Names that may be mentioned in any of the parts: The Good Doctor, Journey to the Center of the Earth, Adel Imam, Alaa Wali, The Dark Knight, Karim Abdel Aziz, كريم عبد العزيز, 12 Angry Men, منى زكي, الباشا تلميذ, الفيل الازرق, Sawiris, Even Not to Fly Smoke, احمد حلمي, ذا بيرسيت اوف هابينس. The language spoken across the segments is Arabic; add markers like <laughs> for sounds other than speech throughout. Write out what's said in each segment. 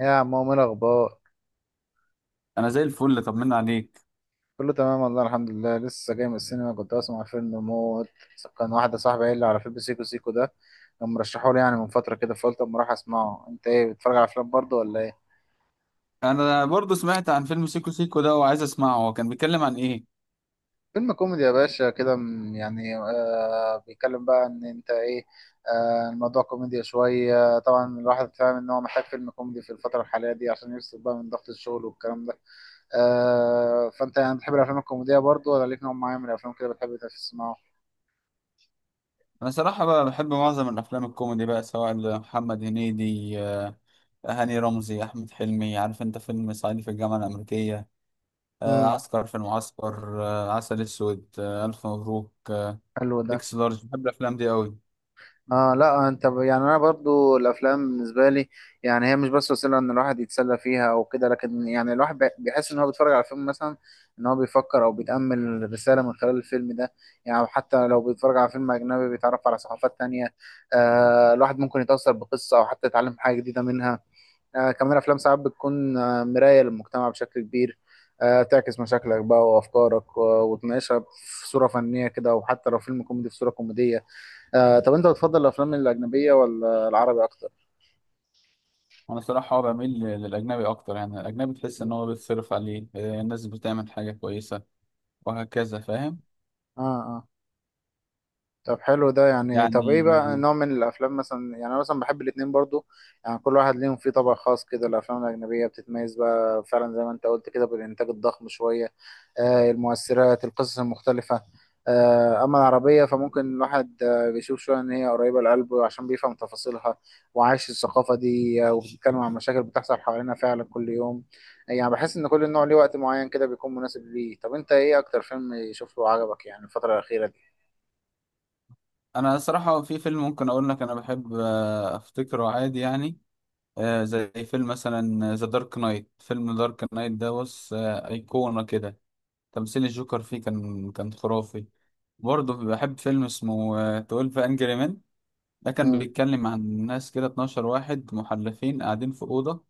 يا عم عمو، ايه الاخبار؟ انا زي الفل، طمنا عليك. كله تمام والله الحمد لله. لسه جاي من السينما، كنت بسمع فيلم موت. كان واحده صاحبي قايل لي على فيلم سيكو سيكو ده، كان مرشحه لي يعني من فتره كده، فقلت اما اروح اسمعه. انت ايه، بتتفرج على افلام برضه ولا ايه؟ انا برضو سمعت عن فيلم سيكو سيكو ده وعايز اسمعه. هو كان بيتكلم عن ايه؟ فيلم كوميدي يا باشا كده، يعني بيتكلم بقى ان انت ايه. الموضوع كوميديا شويه، طبعا الواحد فاهم ان هو محتاج فيلم كوميدي في الفتره الحاليه دي عشان يفصل بقى من ضغط الشغل والكلام ده. فانت يعني بتحب الافلام الكوميديه برضه، ولا ليك نوع معين من الافلام كده بتحب تسمعه؟ انا صراحة بقى بحب معظم الافلام الكوميدي، بقى سواء محمد هنيدي، هاني رمزي، احمد حلمي. عارف انت فيلم صعيدي في الجامعة الامريكية، امم. عسكر في المعسكر، عسل اسود، الف مبروك، حلو ده. اكس لارج. بحب الافلام دي قوي. اه، لا، انت يعني انا برضو الافلام بالنسبه لي، يعني هي مش بس وسيله ان الواحد يتسلى فيها او كده، لكن يعني الواحد بيحس ان هو بيتفرج على فيلم مثلا، ان هو بيفكر او بيتامل رساله من خلال الفيلم ده. يعني أو حتى لو بيتفرج على فيلم اجنبي بيتعرف على ثقافات تانية. الواحد ممكن يتاثر بقصه او حتى يتعلم حاجه جديده منها. كمان افلام ساعات بتكون مرايه للمجتمع بشكل كبير، تعكس مشاكلك بقى وافكارك و- وتناقشها في صوره فنيه كده، وحتى لو فيلم كوميدي في صوره كوميديه. طب انت بتفضل الافلام الاجنبيه ولا العربي اكتر؟ انا صراحة هو بميل للاجنبي اكتر، يعني الاجنبي تحس ان مم. هو بيتصرف عليه، الناس بتعمل حاجة كويسة وهكذا، فاهم. اه، اه. طب حلو ده. يعني طب ايه بقى يعني نوع من الافلام مثلا؟ يعني انا مثلا بحب الاتنين برضو. يعني كل واحد ليهم فيه طبع خاص كده، الافلام الاجنبيه بتتميز بقى فعلا زي ما انت قلت كده بالانتاج الضخم شويه، المؤثرات، القصص المختلفه. اما العربيه فممكن الواحد بيشوف شويه ان هي قريبه لقلبه عشان بيفهم تفاصيلها، وعايش الثقافه دي، وبتتكلم عن مشاكل بتحصل حوالينا فعلا كل يوم. يعني بحس ان كل نوع ليه وقت معين كده بيكون مناسب ليه. طب انت ايه اكتر فيلم شفته وعجبك يعني الفتره الاخيره انا صراحة في فيلم ممكن اقول لك انا بحب، افتكره عادي يعني. زي فيلم مثلا ذا دارك نايت. فيلم دارك نايت ده بص ايقونة كده. تمثيل الجوكر فيه كان خرافي. برضه بحب فيلم اسمه 12 انجري مان. ده كان دي؟ بيتكلم عن ناس كده، 12 واحد محلفين قاعدين في أوضة.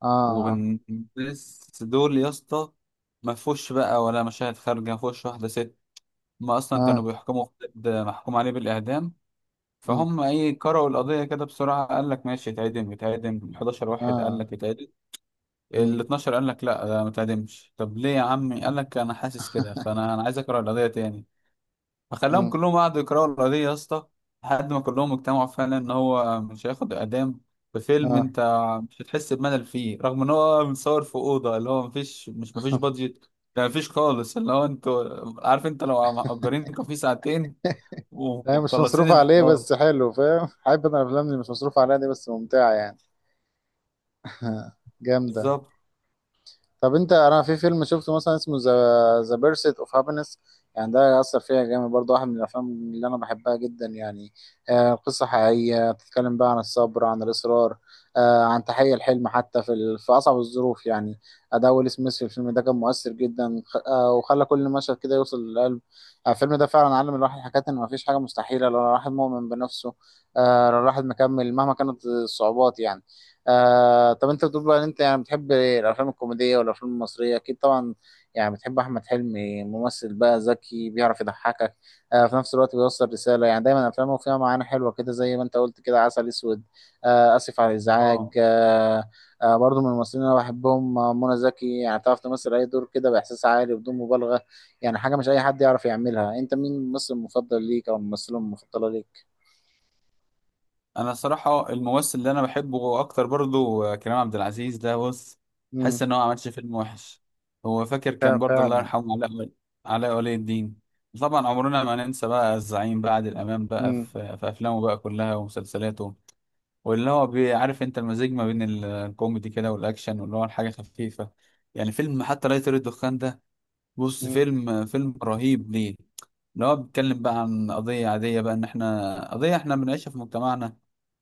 اه، والناس دول يا اسطى ما فيهوش بقى ولا مشاهد خارجة، ما فيهوش واحدة ست. ما اصلا كانوا اه، بيحكموا في حد محكوم عليه بالإعدام. مم، فهم ايه قرأوا القضية كده بسرعة، قال لك ماشي اتعدم. اتعدم 11 واحد قال اه، لك اتعدم. ال مم، 12 قال لك لا، ده ما اتعدمش. طب ليه يا عمي؟ قال لك انا حاسس كده، فانا عايز اقرأ القضية تاني. فخلاهم مم، كلهم قعدوا يقرأوا القضية يا اسطى، لحد ما كلهم اجتمعوا فعلا ان هو مش هياخد اعدام. في فيلم اه. انت مش هتحس بملل فيه، رغم ان هو متصور في أوضة اللي هو مفيش مش مفيش بادجت. ده مفيش خالص، اللي هو انتوا عارف انت لو مأجرين كافيه ساعتين هي مش ومخلصين مصروف عليه، الحوار. بس حلو فاهم. حابب انا الافلام اللي مش مصروف عليها دي، بس ممتعة يعني. <laughs> جامدة. بالظبط. طب انت، انا في فيلم شفته مثلا اسمه ذا بيرسيت اوف هابينس. يعني ده اثر فيا جامد برضه، واحد من الافلام اللي انا بحبها جدا يعني. قصه حقيقيه بتتكلم بقى عن الصبر، عن الاصرار، عن تحقيق الحلم حتى في اصعب الظروف يعني. اداء ويل سميث في الفيلم ده كان مؤثر جدا، خ- آه وخلى كل مشهد كده يوصل للقلب. الفيلم ده فعلا علم الواحد حاجات، ان مفيش حاجه مستحيله لو الواحد مؤمن بنفسه، لو الواحد مكمل مهما كانت الصعوبات يعني. طب انت بتقول بقى ان انت يعني بتحب الافلام الكوميديه والافلام المصريه اكيد طبعا. يعني بتحب احمد حلمي، ممثل بقى ذكي بيعرف يضحكك، في نفس الوقت بيوصل رساله، يعني دايما افلامه فيها معاني حلوه كده، زي ما انت قلت كده عسل اسود. اسف على الازعاج. اه، برضه من الممثلين اللي انا بحبهم، منى زكي، يعني تعرف تمثل اي دور كده باحساس عالي بدون مبالغه. يعني حاجه مش اي حد يعرف يعملها. انت مين الممثل المفضل ليك او الممثله المفضله ليك؟ انا صراحة الممثل اللي انا بحبه اكتر برضو كريم عبد العزيز. ده بص امم. حاسس ان هو ما عملش فيلم وحش. هو فاكر كان برضو الله فعلا. يرحمه علاء ولي، علاء ولي الدين. طبعا عمرنا ما ننسى بقى الزعيم بقى عادل امام بقى امم، في افلامه بقى كلها ومسلسلاته. واللي هو بيعرف انت المزيج ما بين الكوميدي كده والاكشن، واللي هو الحاجة خفيفة. يعني فيلم حتى لا يطير الدخان ده بص، فيلم فيلم رهيب. ليه؟ ان هو بيتكلم بقى عن قضية عادية بقى، ان احنا قضية احنا بنعيشها في مجتمعنا.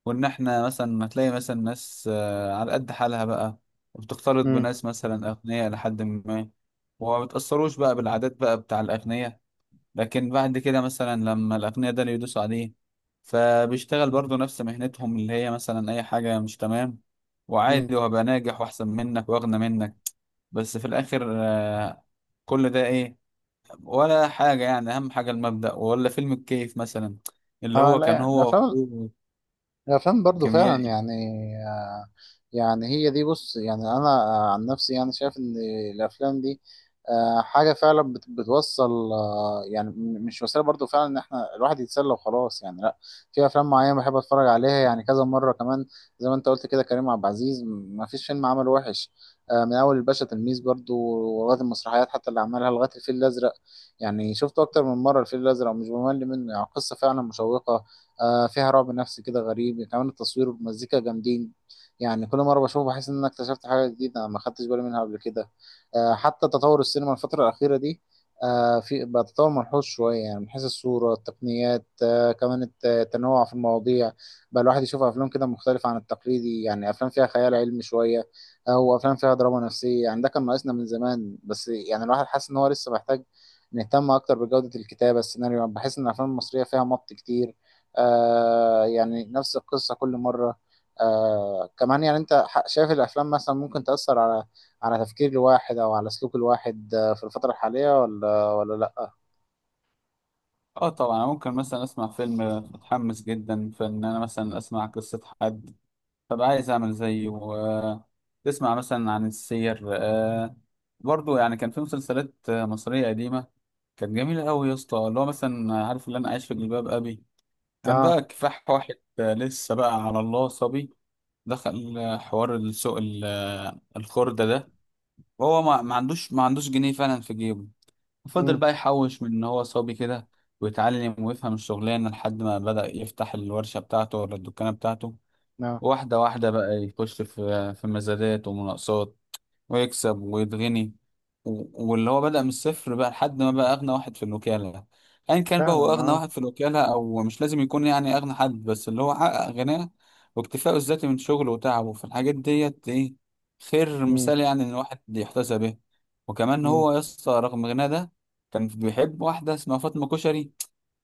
وان احنا مثلا هتلاقي مثلا ناس على قد حالها بقى، وبتختلط بناس مثلا اغنياء لحد ما، وما بتأثروش بقى بالعادات بقى بتاع الاغنياء. لكن بعد كده مثلا لما الاغنياء ده اللي يدوسوا عليه، فبيشتغل برضه نفس مهنتهم اللي هي مثلا اي حاجة مش تمام. امم. وعادي، وهبقى ناجح واحسن منك واغنى منك. بس في الاخر كل ده ايه؟ ولا حاجة يعني. أهم حاجة المبدأ. ولا فيلم الكيف مثلا، اللي اه، هو لا كان يعني، هو الافلام وأخوه الافلام برضو فعلا كيميائي. يعني. آه يعني هي دي بص، يعني انا عن نفسي يعني شايف ان الافلام دي حاجه فعلا بتوصل، يعني مش وسيله برضو فعلا ان احنا الواحد يتسلى وخلاص يعني، لا. في افلام معينه بحب اتفرج عليها يعني كذا مره كمان، زي ما انت قلت كده، كريم عبد العزيز ما فيش فيلم عمله وحش. من اول الباشا تلميذ برضو، ولغايه المسرحيات حتى اللي عملها، لغايه الفيل الازرق. يعني شفته اكتر من مره الفيل الازرق ومش بمل منه، يعني قصه فعلا مشوقه، فيها رعب نفسي كده غريب، كمان التصوير والمزيكا جامدين. يعني كل مرة بشوفه بحس إن أنا اكتشفت حاجة جديدة أنا ما خدتش بالي منها قبل كده. حتى تطور السينما الفترة الأخيرة دي، في بقى تطور ملحوظ شوية، يعني من حيث الصورة، التقنيات، كمان التنوع في المواضيع. بقى الواحد يشوف أفلام كده مختلفة عن التقليدي، يعني أفلام فيها خيال علمي شوية أو أفلام فيها دراما نفسية. يعني ده كان ناقصنا من زمان، بس يعني الواحد حاسس إن هو لسه محتاج نهتم أكتر بجودة الكتابة، السيناريو بحس إن الأفلام المصرية فيها مط كتير، يعني نفس القصة كل مرة. كمان يعني انت شايف الافلام مثلا ممكن تأثر على تفكير الواحد او على سلوك الواحد في الفترة الحالية، ولا لا؟ اه طبعا، ممكن مثلا اسمع فيلم متحمس جدا، فان انا مثلا اسمع قصة حد فبقى عايز اعمل زيه، تسمع مثلا عن السير. برضو يعني كان في مسلسلات مصرية قديمة كانت جميلة قوي يا اسطى. اللي هو مثلا عارف، اللي انا عايش في جلباب ابي. كان اه. بقى كفاح واحد لسه بقى على الله صبي، دخل حوار السوق الخردة ده. هو ما عندوش جنيه فعلا في جيبه. فضل امم. بقى يحوش من ان هو صبي كده، ويتعلم ويفهم الشغلانه لحد ما بدأ يفتح الورشه بتاعته ولا الدكانه بتاعته. اه، واحده واحده بقى يخش في مزادات ومناقصات، ويكسب ويتغني. واللي هو بدأ من الصفر بقى لحد ما بقى أغنى واحد في الوكالة. أيا كان بقى هو فعلا. أغنى اه، واحد في الوكالة، أو مش لازم يكون يعني أغنى حد، بس اللي هو حقق غناه واكتفاءه الذاتي من شغله وتعبه في الحاجات ديت. إيه خير امم، مثال يعني، إن الواحد يحتسب به. وكمان هو يا اسطى، رغم غناه ده، كان بيحب واحدة اسمها فاطمة كشري،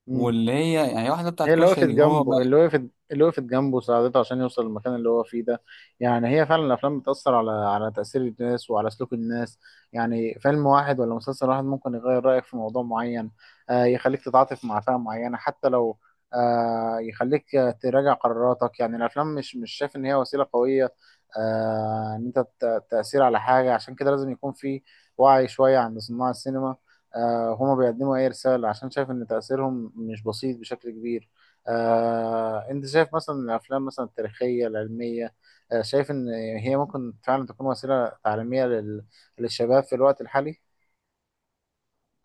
امم. واللي هي يعني واحدة بتاعت هي كشري وهو. اللي وقفت جنبه، ساعدته عشان يوصل للمكان اللي هو فيه ده. يعني هي فعلا الافلام بتأثر على تأثير الناس وعلى سلوك الناس. يعني فيلم واحد ولا مسلسل واحد ممكن يغير رأيك في موضوع معين، يخليك تتعاطف مع فئة معينة حتى لو، يخليك تراجع قراراتك. يعني الافلام، مش شايف ان هي وسيلة قوية، ان انت تأثير على حاجة، عشان كده لازم يكون في وعي شوية عند صناع السينما. هما بيقدموا اي رسالة عشان شايف ان تأثيرهم مش بسيط بشكل كبير. انت شايف مثلا الافلام مثلا التاريخيه العلميه، شايف ان هي ممكن فعلا تكون وسيله تعليميه للشباب في الوقت الحالي؟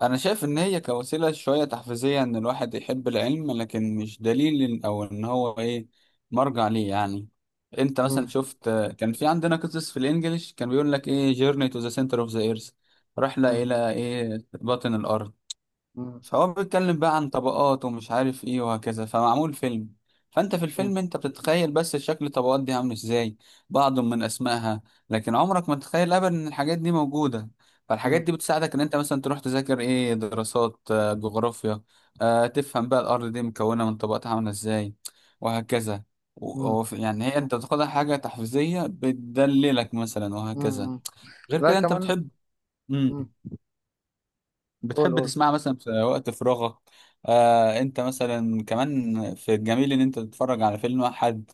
انا شايف ان هي كوسيله شويه تحفيزيه ان الواحد يحب العلم، لكن مش دليل او ان هو ايه، مرجع ليه يعني. انت مم، مثلا شفت كان في عندنا قصص في الانجليش، كان بيقول لك ايه journey to the center of the earth، مم، رحله الى ايه باطن الارض. مم، فهو بيتكلم بقى عن طبقات ومش عارف ايه وهكذا، فمعمول فيلم. فانت في مم، الفيلم انت بتتخيل بس شكل الطبقات دي عامل ازاي، بعض من اسمائها. لكن عمرك ما تتخيل ابدا ان الحاجات دي موجودة. فالحاجات مم، دي بتساعدك ان انت مثلا تروح تذاكر ايه دراسات، جغرافيا، تفهم بقى الارض دي مكونة من طبقات عاملة ازاي، وهكذا. مم، يعني هي انت تاخدها حاجة تحفيزية بتدللك مثلا، مم، وهكذا. مم. غير لا، كده انت كمان. بتحب. مم. مم، قول، بتحب قول. تسمعها مثلا في وقت فراغك. آه، انت مثلا كمان في الجميل ان انت تتفرج على فيلم واحد.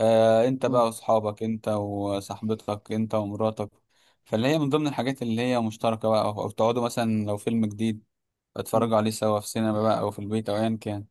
آه، انت مم، بقى واصحابك، انت وصاحبتك، انت ومراتك. فاللي هي من ضمن الحاجات اللي هي مشتركة بقى، او أو تقعدوا مثلا لو فيلم جديد مم. اتفرجوا عليه سوا في سينما بقى، او في البيت، او ايا كان.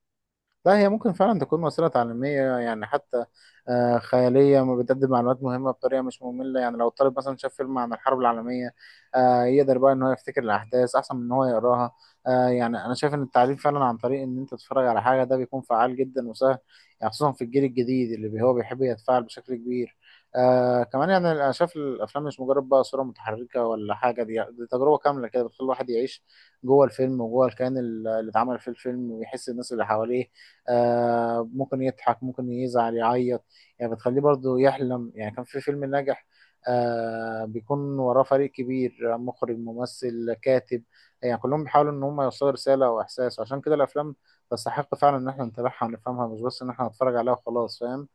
لا، هي ممكن فعلا تكون وسيلة تعليمية يعني، حتى خيالية ما بتقدم معلومات مهمة بطريقة مش مملة. يعني لو الطالب مثلا شاف فيلم عن الحرب العالمية، يقدر بقى إن هو يفتكر الأحداث أحسن من إن هو يقراها. يعني أنا شايف إن التعليم فعلا عن طريق إن أنت تتفرج على حاجة ده بيكون فعال جدا وسهل، يعني خصوصا في الجيل الجديد اللي هو بيحب يتفاعل بشكل كبير. كمان يعني أنا شايف الأفلام مش مجرد بقى صورة متحركة ولا حاجة، دي تجربة كاملة كده بتخلي الواحد يعيش جوه الفيلم وجوه الكيان اللي اتعمل في الفيلم ويحس الناس اللي حواليه. ممكن يضحك، ممكن يزعل، يعيط. يعني بتخليه برضه يحلم. يعني كان في فيلم ناجح، بيكون وراه فريق كبير، مخرج، ممثل، كاتب. يعني كلهم بيحاولوا ان هم يوصلوا رسالة او احساس، وعشان كده الافلام تستحق فعلا ان احنا نتابعها ونفهمها، مش بس ان احنا نتفرج عليها وخلاص فاهم.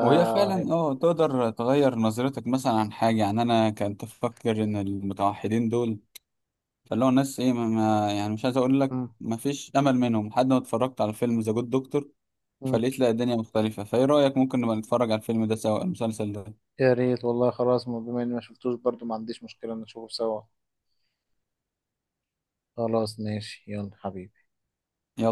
وهي فعلا اه تقدر تغير نظرتك مثلا عن حاجة. يعني انا كنت افكر ان المتوحدين دول، فاللي هو الناس ايه يعني مش عايز اقول لك م- ما فيش امل منهم، لحد ما اتفرجت على فيلم ذا جود دكتور. م. فلقيت لا، الدنيا مختلفة. فايه رأيك ممكن نبقى نتفرج على الفيلم ده سوا، المسلسل ده؟ يا ريت والله. خلاص، بما اني ما شفتوش برضه ما عنديش مشكلة نشوفه سوا. خلاص، ماشي، يلا حبيبي. يلا.